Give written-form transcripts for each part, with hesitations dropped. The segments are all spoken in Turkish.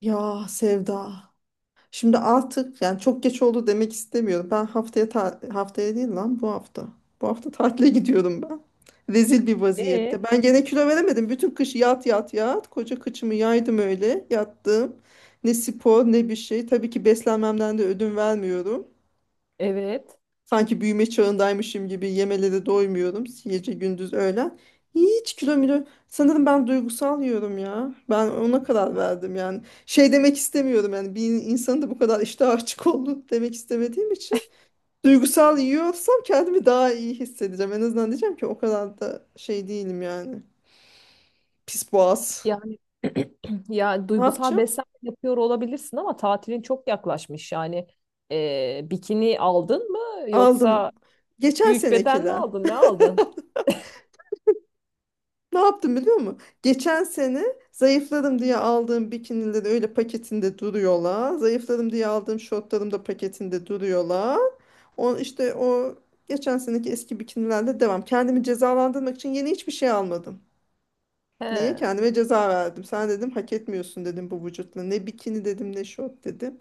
Ya Sevda. Şimdi artık yani çok geç oldu demek istemiyorum. Ben haftaya haftaya değil lan bu hafta. Bu hafta tatile gidiyorum ben. Rezil bir E, vaziyette. Ben gene kilo veremedim. Bütün kış yat yat yat. Koca kıçımı yaydım öyle. Yattım. Ne spor ne bir şey. Tabii ki beslenmemden de ödün vermiyorum. evet. Sanki büyüme çağındaymışım gibi yemelere doymuyorum. Gece gündüz öğlen. Hiç kilo milo. Sanırım ben duygusal yiyorum ya. Ben ona karar verdim yani. Şey demek istemiyorum yani bir insanın da bu kadar iştah açık olduğunu demek istemediğim için. Duygusal yiyorsam kendimi daha iyi hissedeceğim. En azından diyeceğim ki o kadar da şey değilim yani. Pis boğaz. Yani ya Ne duygusal yapacağım? beslenme yapıyor olabilirsin ama tatilin çok yaklaşmış. Yani bikini aldın mı yoksa Aldım. Geçen büyük beden mi senekiler. aldın? Ne aldın? Ne yaptım biliyor musun? Geçen sene zayıfladım diye aldığım bikinileri öyle paketinde duruyorlar. Zayıfladım diye aldığım şortlarım da paketinde duruyorlar. O işte o geçen seneki eski bikinilerle devam. Kendimi cezalandırmak için yeni hiçbir şey almadım. Niye? He, Kendime ceza verdim. Sen dedim hak etmiyorsun dedim bu vücutla. Ne bikini dedim ne şort dedim.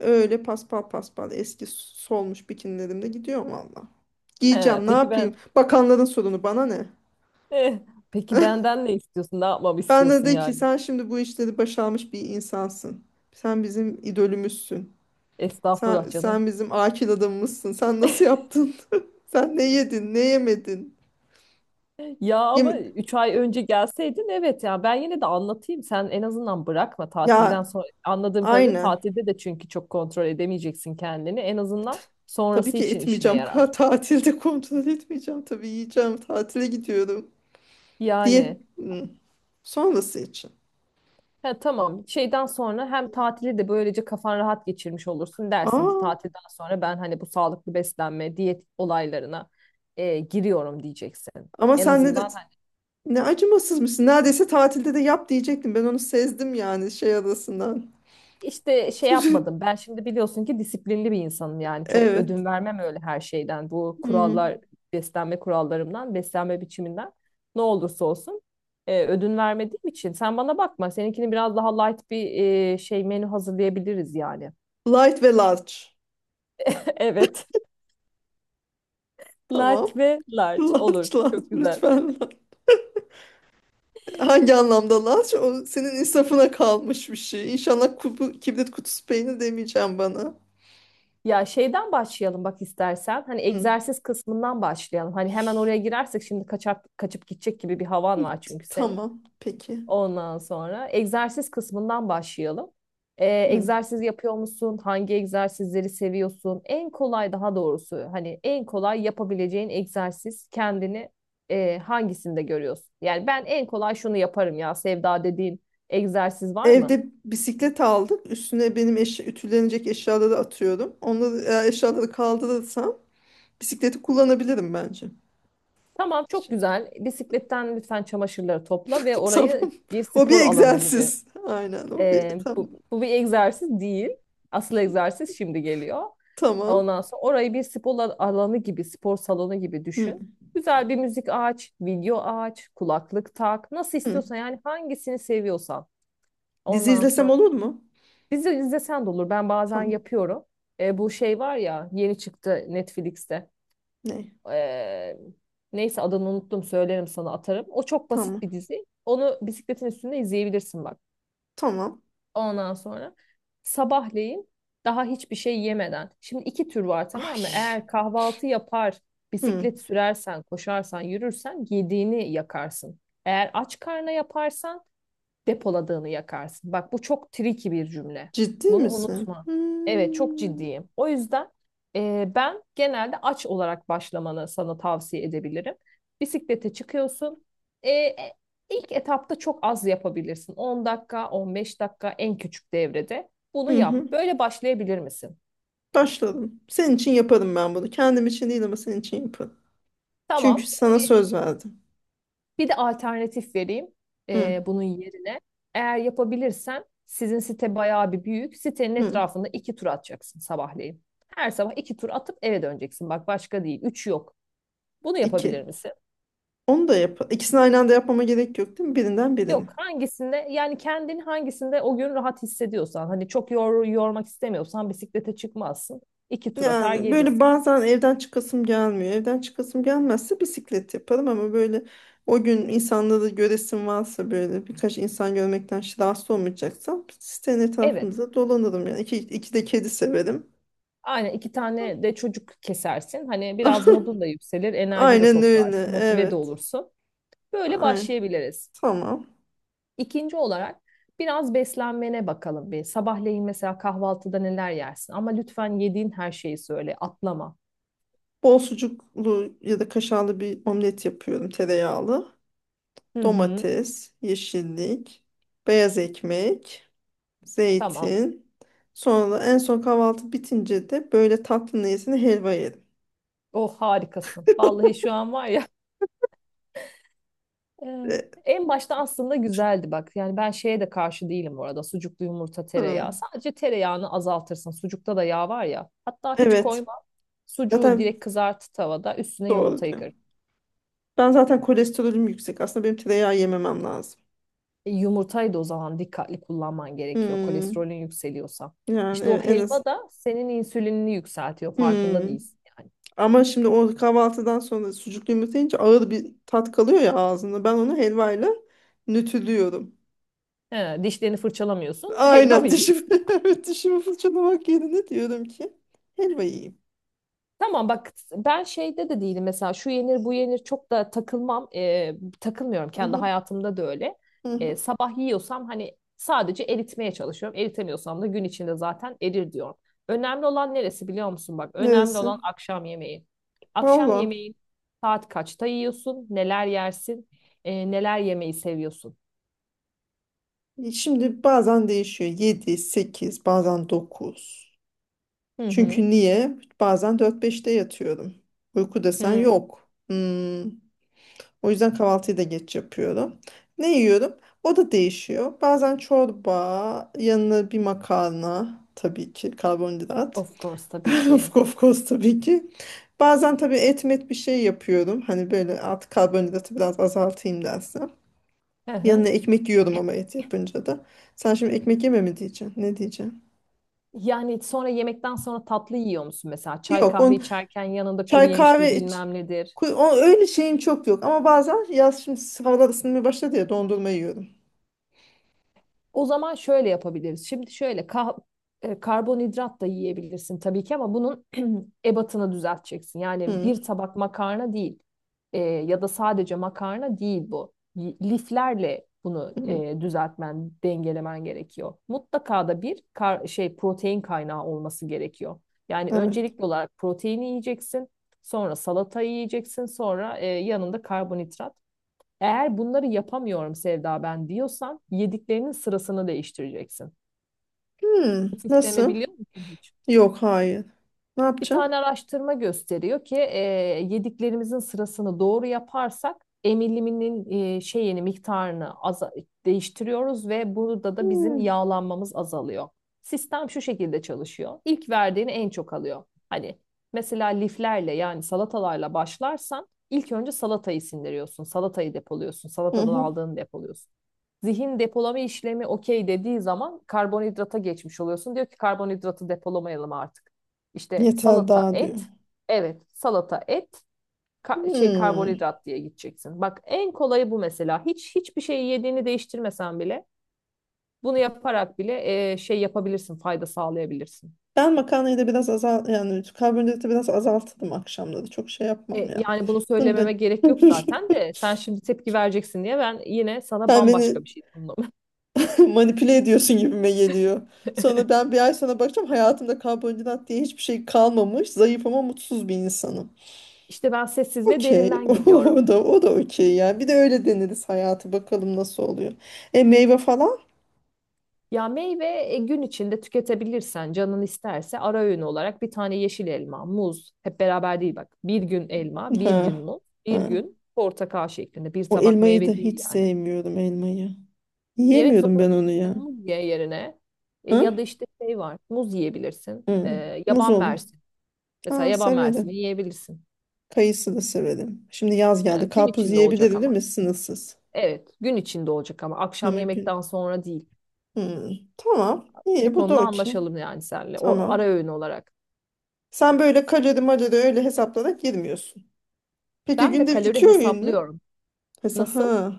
Öyle paspal paspal eski solmuş bikinilerimle gidiyorum valla. he. Giyeceğim ne Peki ben yapayım? Bakanların sorunu bana ne? eh, peki benden ne istiyorsun? Ne yapmamı Bana istiyorsun de ki yani? sen şimdi bu işleri başarmış bir insansın. Sen bizim idolümüzsün. Sen, Estağfurullah canım. sen bizim akil adamımızsın. Sen nasıl yaptın? Sen ne yedin, ne yemedin? Ya ama Yeme- 3 ay önce gelseydin evet, ya ben yine de anlatayım, sen en azından bırakma tatilden Ya, sonra, anladığım kadarıyla aynen. tatilde de çünkü çok kontrol edemeyeceksin kendini, en T- azından Tabii sonrası ki için işine etmeyeceğim. yarar. Tatilde kontrol etmeyeceğim. Tabii yiyeceğim. Tatile gidiyorum. Diyet Yani sonrası için. he, tamam, şeyden sonra hem tatili de böylece kafan rahat geçirmiş olursun, dersin ki Aa, tatilden sonra ben hani bu sağlıklı beslenme diyet olaylarına giriyorum diyeceksin. ama En sen azından ne acımasızmışsın. Neredeyse tatilde de yap diyecektim. Ben onu sezdim yani şey arasından. İşte şey yapmadım. Ben şimdi biliyorsun ki disiplinli bir insanım yani. Çok Evet. ödün vermem öyle her şeyden. Bu kurallar, Hmm. beslenme kurallarımdan, beslenme biçiminden ne olursa olsun ödün vermediğim için. Sen bana bakma. Seninkini biraz daha light bir şey menü hazırlayabiliriz yani. Light ve large. Evet. Tamam. Light ve large olur. Large, large Çok güzel. lütfen. Large. Hangi anlamda large? O senin insafına kalmış bir şey. İnşallah kibrit kutusu peynir demeyeceğim bana. Ya şeyden başlayalım bak istersen. Hani Hmm. egzersiz kısmından başlayalım. Hani hemen oraya girersek şimdi kaçak, kaçıp gidecek gibi bir havan var çünkü senin. Tamam. Peki. Ondan sonra egzersiz kısmından başlayalım. Hmm. Egzersiz yapıyor musun? Hangi egzersizleri seviyorsun? En kolay, daha doğrusu hani en kolay yapabileceğin egzersiz kendini hangisinde görüyorsun? Yani ben en kolay şunu yaparım ya Sevda dediğin egzersiz var mı? Evde bisiklet aldık. Üstüne benim ütülenecek eşyaları atıyorum. Onları eğer eşyaları kaldırırsam bisikleti kullanabilirim bence. Tamam çok Şey. güzel. Bisikletten lütfen çamaşırları topla ve orayı Tamam. bir O bir spor alanı gibi egzersiz. Aynen o bir. Tamam. bu, bu bir egzersiz değil. Asıl egzersiz şimdi geliyor. Tamam. Ondan sonra orayı bir spor alanı gibi, spor salonu gibi düşün. Hmm. Güzel bir müzik aç, video aç, kulaklık tak. Nasıl Hmm. istiyorsan yani, hangisini seviyorsan. Dizi Ondan izlesem sonra olur mu? dizi izlesen de olur. Ben bazen Tamam. yapıyorum. Bu şey var ya, yeni çıktı Netflix'te. Ne? Ee, Neyse, adını unuttum, söylerim sana, atarım. O çok basit bir Tamam. dizi. Onu bisikletin üstünde izleyebilirsin bak. Tamam. Ondan sonra sabahleyin daha hiçbir şey yemeden. Şimdi iki tür var, tamam mı? Ay. Eğer kahvaltı yapar, Hı. bisiklet sürersen, koşarsan, yürürsen yediğini yakarsın. Eğer aç karna yaparsan depoladığını yakarsın. Bak bu çok tricky bir cümle. Ciddi Bunu misin? unutma. Evet, çok Hmm. ciddiyim. O yüzden ben genelde aç olarak başlamanı sana tavsiye edebilirim. Bisiklete çıkıyorsun. E, e, ilk etapta çok az yapabilirsin. 10 dakika, 15 dakika, en küçük devrede. Hı Bunu yap. hı. Böyle başlayabilir misin? Başladım. Senin için yaparım ben bunu. Kendim için değil ama senin için yaparım. Çünkü Tamam. sana söz verdim. Bir de alternatif vereyim Hı. Bunun yerine. Eğer yapabilirsen, sizin site bayağı bir büyük. Sitenin Hı. etrafında iki tur atacaksın sabahleyin. Her sabah iki tur atıp eve döneceksin. Bak başka değil. Üç yok. Bunu İki. yapabilir misin? Onu da yap. İkisini aynı anda yapmama gerek yok değil mi? Birinden birini. Yok. Hangisinde yani kendini, hangisinde o gün rahat hissediyorsan. Hani çok yormak istemiyorsan bisiklete çıkmazsın. İki tur atar Yani böyle gelirsin. bazen evden çıkasım gelmiyor. Evden çıkasım gelmezse bisiklet yaparım ama böyle o gün insanları göresim varsa böyle birkaç insan görmekten rahatsız olmayacaksam sitenin Evet. etrafımızda dolanırım yani. İki, iki de kedi severim. Aynen, iki tane de çocuk kesersin. Hani biraz modun da yükselir, enerji de Aynen toplarsın, öyle. motive de Evet. olursun. Böyle Ay, başlayabiliriz. tamam. İkinci olarak biraz beslenmene bakalım bir. Sabahleyin mesela kahvaltıda neler yersin? Ama lütfen yediğin her şeyi söyle, atlama. Bol sucuklu ya da kaşarlı bir omlet yapıyorum tereyağlı. Hı hı. Domates, yeşillik, beyaz ekmek, Tamam. zeytin. Sonra da en son kahvaltı bitince de böyle tatlı niyetine helva yedim. Oh harikasın. Vallahi şu an var ya. e, E, En başta aslında güzeldi bak. Yani ben şeye de karşı değilim bu arada. Sucuklu yumurta, tereyağı. hmm, Sadece tereyağını azaltırsın. Sucukta da yağ var ya. Hatta hiç evet. koyma. Sucuğu Zaten direkt kızart tavada. Üstüne doğru yumurtayı diyor. kır. Ben zaten kolesterolüm yüksek. Aslında benim tereyağı yememem lazım. Yumurtayı da o zaman dikkatli kullanman gerekiyor Hmm, kolesterolün yükseliyorsa. yani İşte o evet, en az. helva da senin insülinini yükseltiyor, farkında Hmm. değilsin yani. Ama şimdi o kahvaltıdan sonra sucuklu yumurta yiyince ağır bir tat kalıyor ya ağzında. Ben onu helvayla nötrlüyorum. He, dişlerini fırçalamıyorsun helva Aynen mı yiyorsun? dişimi, evet, dişimi fırçalamak yerine diyorum ki helva yiyeyim. Tamam bak, ben şeyde de değilim mesela, şu yenir bu yenir çok da takılmam. Takılmıyorum Hı kendi hı, hayatımda da öyle. hı hı. Sabah yiyorsam hani sadece eritmeye çalışıyorum. Eritemiyorsam da gün içinde zaten erir diyorum. Önemli olan neresi biliyor musun bak, önemli Neresi? olan akşam yemeği. Akşam Valla yemeği saat kaçta yiyorsun, neler yersin, neler yemeyi seviyorsun. şimdi bazen değişiyor. Yedi sekiz, bazen dokuz. Hı hı. Çünkü niye? Bazen dört beşte yatıyorum. Uyku desen Hı, yok. Hmm. O yüzden kahvaltıyı da geç yapıyorum. Ne yiyorum? O da değişiyor. Bazen çorba, yanına bir makarna, tabii ki karbonhidrat. of course tabii ki. Of, of course, tabii ki. Bazen tabii et met bir şey yapıyorum. Hani böyle artık karbonhidratı biraz azaltayım dersen. Hı Yanına hı. ekmek yiyorum ama et yapınca da. Sen şimdi ekmek yeme mi diyeceksin? Ne diyeceksin? Yani sonra, yemekten sonra tatlı yiyor musun mesela? Çay Yok, kahve on içerken yanında kuru çay yemiştir kahve iç. bilmem nedir. O, öyle şeyim çok yok ama bazen yaz şimdi havalar ısınmaya başladı ya dondurma yiyorum. O zaman şöyle yapabiliriz. Şimdi şöyle karbonhidrat da yiyebilirsin tabii ki, ama bunun ebatını düzelteceksin. Yani Hmm, bir tabak makarna değil. E, ya da sadece makarna değil bu. Liflerle bunu hmm, düzeltmen, dengelemen gerekiyor. Mutlaka da bir kar şey protein kaynağı olması gerekiyor. Yani evet. öncelikli olarak proteini yiyeceksin, sonra salata yiyeceksin, sonra yanında karbonhidrat. Eğer bunları yapamıyorum Sevda ben diyorsan, yediklerinin sırasını değiştireceksin. Hmm, Bu sistemi nasıl? biliyor musun hiç? Yok, hayır. Ne Bir yapacağım? tane araştırma gösteriyor ki yediklerimizin sırasını doğru yaparsak emiliminin şeyini miktarını değiştiriyoruz ve burada da bizim Hmm, yağlanmamız azalıyor. Sistem şu şekilde çalışıyor. İlk verdiğini en çok alıyor. Hani mesela liflerle, yani salatalarla başlarsan ilk önce salatayı sindiriyorsun, salatayı depoluyorsun, hı salatadan hı. aldığını depoluyorsun. Zihin depolama işlemi okey dediği zaman karbonhidrata geçmiş oluyorsun. Diyor ki karbonhidratı depolamayalım artık. İşte Yeter salata, daha diyor. et. Evet, salata, et, Hmm. karbonhidrat diye gideceksin. Bak en kolayı bu mesela. Hiç hiçbir şeyi yediğini değiştirmesen bile, bunu yaparak bile şey yapabilirsin, fayda sağlayabilirsin. Ben makarnayı da biraz yani karbonhidratı biraz azalttım akşamları. Çok şey yapmam E, ya. yani bunu Bunu da söylememe gerek yok zaten de, sen şimdi tepki vereceksin diye ben yine sana sen bambaşka beni bir şey sundum. manipüle ediyorsun gibime geliyor. Sonra ben bir ay sonra bakacağım hayatımda karbonhidrat diye hiçbir şey kalmamış. Zayıf ama mutsuz bir insanım. İşte ben sessiz ve Okey. derinden geliyorum. O da o da okey yani. Bir de öyle deneriz hayatı bakalım nasıl oluyor. E, meyve falan? Ya meyve gün içinde tüketebilirsen, canın isterse ara öğün olarak bir tane yeşil elma, muz, hep beraber değil bak. Bir gün elma, bir gün Ha. muz, bir Ha. gün portakal şeklinde, bir O tabak elmayı da meyve değil hiç yani. sevmiyorum elmayı. Yemek Yiyemiyorum zorunda ben onu değilsin, ya. muz ye yerine. Ha? Ya da işte şey var, muz yiyebilirsin. Hı. Muz Yaban olur. mersini mesela, Ha, yaban mersini severim. yiyebilirsin. Kayısı da severim. Şimdi yaz geldi. Gün Karpuz içinde olacak yiyebilirim değil mi? ama. Sınırsız. Evet, gün içinde olacak ama akşam Ama gün. yemekten sonra değil. Hı. Tamam. Bu İyi, bu da konuda okey. anlaşalım yani seninle, o ara Tamam. öğün olarak. Sen böyle kalori malori öyle hesaplarak girmiyorsun. Peki Ben de günde iki kalori öğün mü? hesaplıyorum. Mesela Nasıl? ha.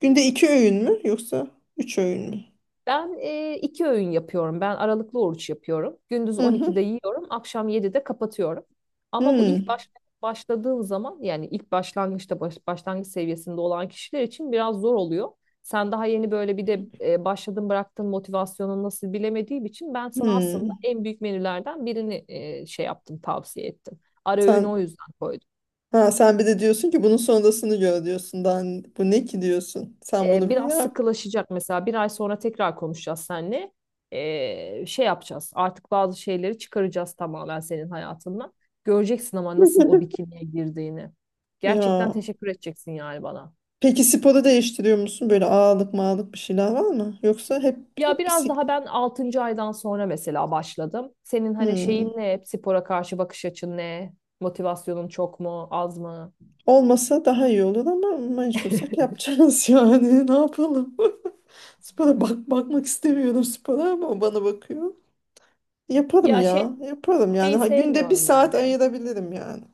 Günde iki öğün mü yoksa üç öğün mü? Ben iki öğün yapıyorum. Ben aralıklı oruç yapıyorum. Gündüz Hı hı. 12'de yiyorum, akşam 7'de kapatıyorum. Ama bu ilk Hmm. Başladığım zaman, yani ilk başlangıçta, başlangıç seviyesinde olan kişiler için biraz zor oluyor. Sen daha yeni böyle bir de başladın, bıraktın, motivasyonun nasıl bilemediğim için ben sana aslında Hmm. en büyük menülerden birini şey yaptım, tavsiye ettim. Ara öğünü o Sen yüzden koydum. ha, sen bir de diyorsun ki bunun sonrasını gör diyorsun. Daha bu ne ki diyorsun. Sen bunu bir Biraz yap. sıkılaşacak mesela, bir ay sonra tekrar konuşacağız seninle. Şey yapacağız, artık bazı şeyleri çıkaracağız tamamen senin hayatından. Göreceksin ama nasıl o bikiniye girdiğini. Gerçekten Ya. teşekkür edeceksin yani bana. Peki sporu değiştiriyor musun? Böyle ağırlık mağırlık bir şeyler var mı? Yoksa hep, Ya biraz bisiklet. daha ben altıncı aydan sonra mesela başladım. Senin hani Hmm. şeyin ne? Spora karşı bakış açın ne? Motivasyonun çok mu, az mı? Olmasa daha iyi olur ama mecbursak yapacağız yani. Ne yapalım? Spora bakmak istemiyorum spora ama o bana bakıyor. Yaparım Ya ya. Yaparım yani. şeyi Ha, günde bir sevmiyorum ben saat de. ayırabilirim yani.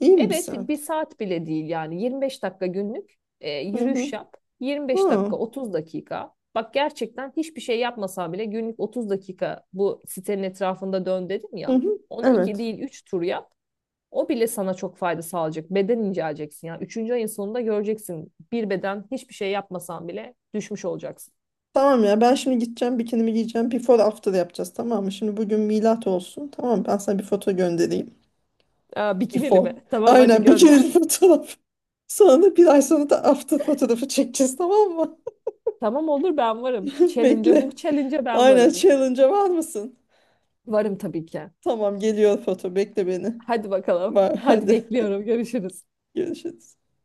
İyi mi bir Evet, bir saat? saat bile değil yani, 25 dakika günlük Hı hı. yürüyüş yap. 25 Ha. dakika, 30 dakika. Bak gerçekten hiçbir şey yapmasan bile, günlük 30 dakika bu sitenin etrafında dön dedim Hı ya. hı. Onu iki Evet. değil 3 tur yap. O bile sana çok fayda sağlayacak. Beden inceleyeceksin yani. Üçüncü ayın sonunda göreceksin. Bir beden hiçbir şey yapmasan bile düşmüş olacaksın. Tamam ya, ben şimdi gideceğim bikinimi giyeceğim. Before after yapacağız, tamam mı? Şimdi bugün milat olsun. Tamam mı? Ben sana bir foto göndereyim. Aa, bikinili Before. mi? Tamam, hadi Aynen gönder. bikinili fotoğraf. Sonra bir ay sonra da after fotoğrafı çekeceğiz, tamam mı? Tamam, olur, ben varım. Challenge'a, bu Bekle. challenge'a ben Aynen varım. challenge'a var mısın? Varım tabii ki. Tamam, geliyor foto. Bekle beni. Hadi bakalım. Var Hadi hadi. bekliyorum. Görüşürüz. Görüşürüz.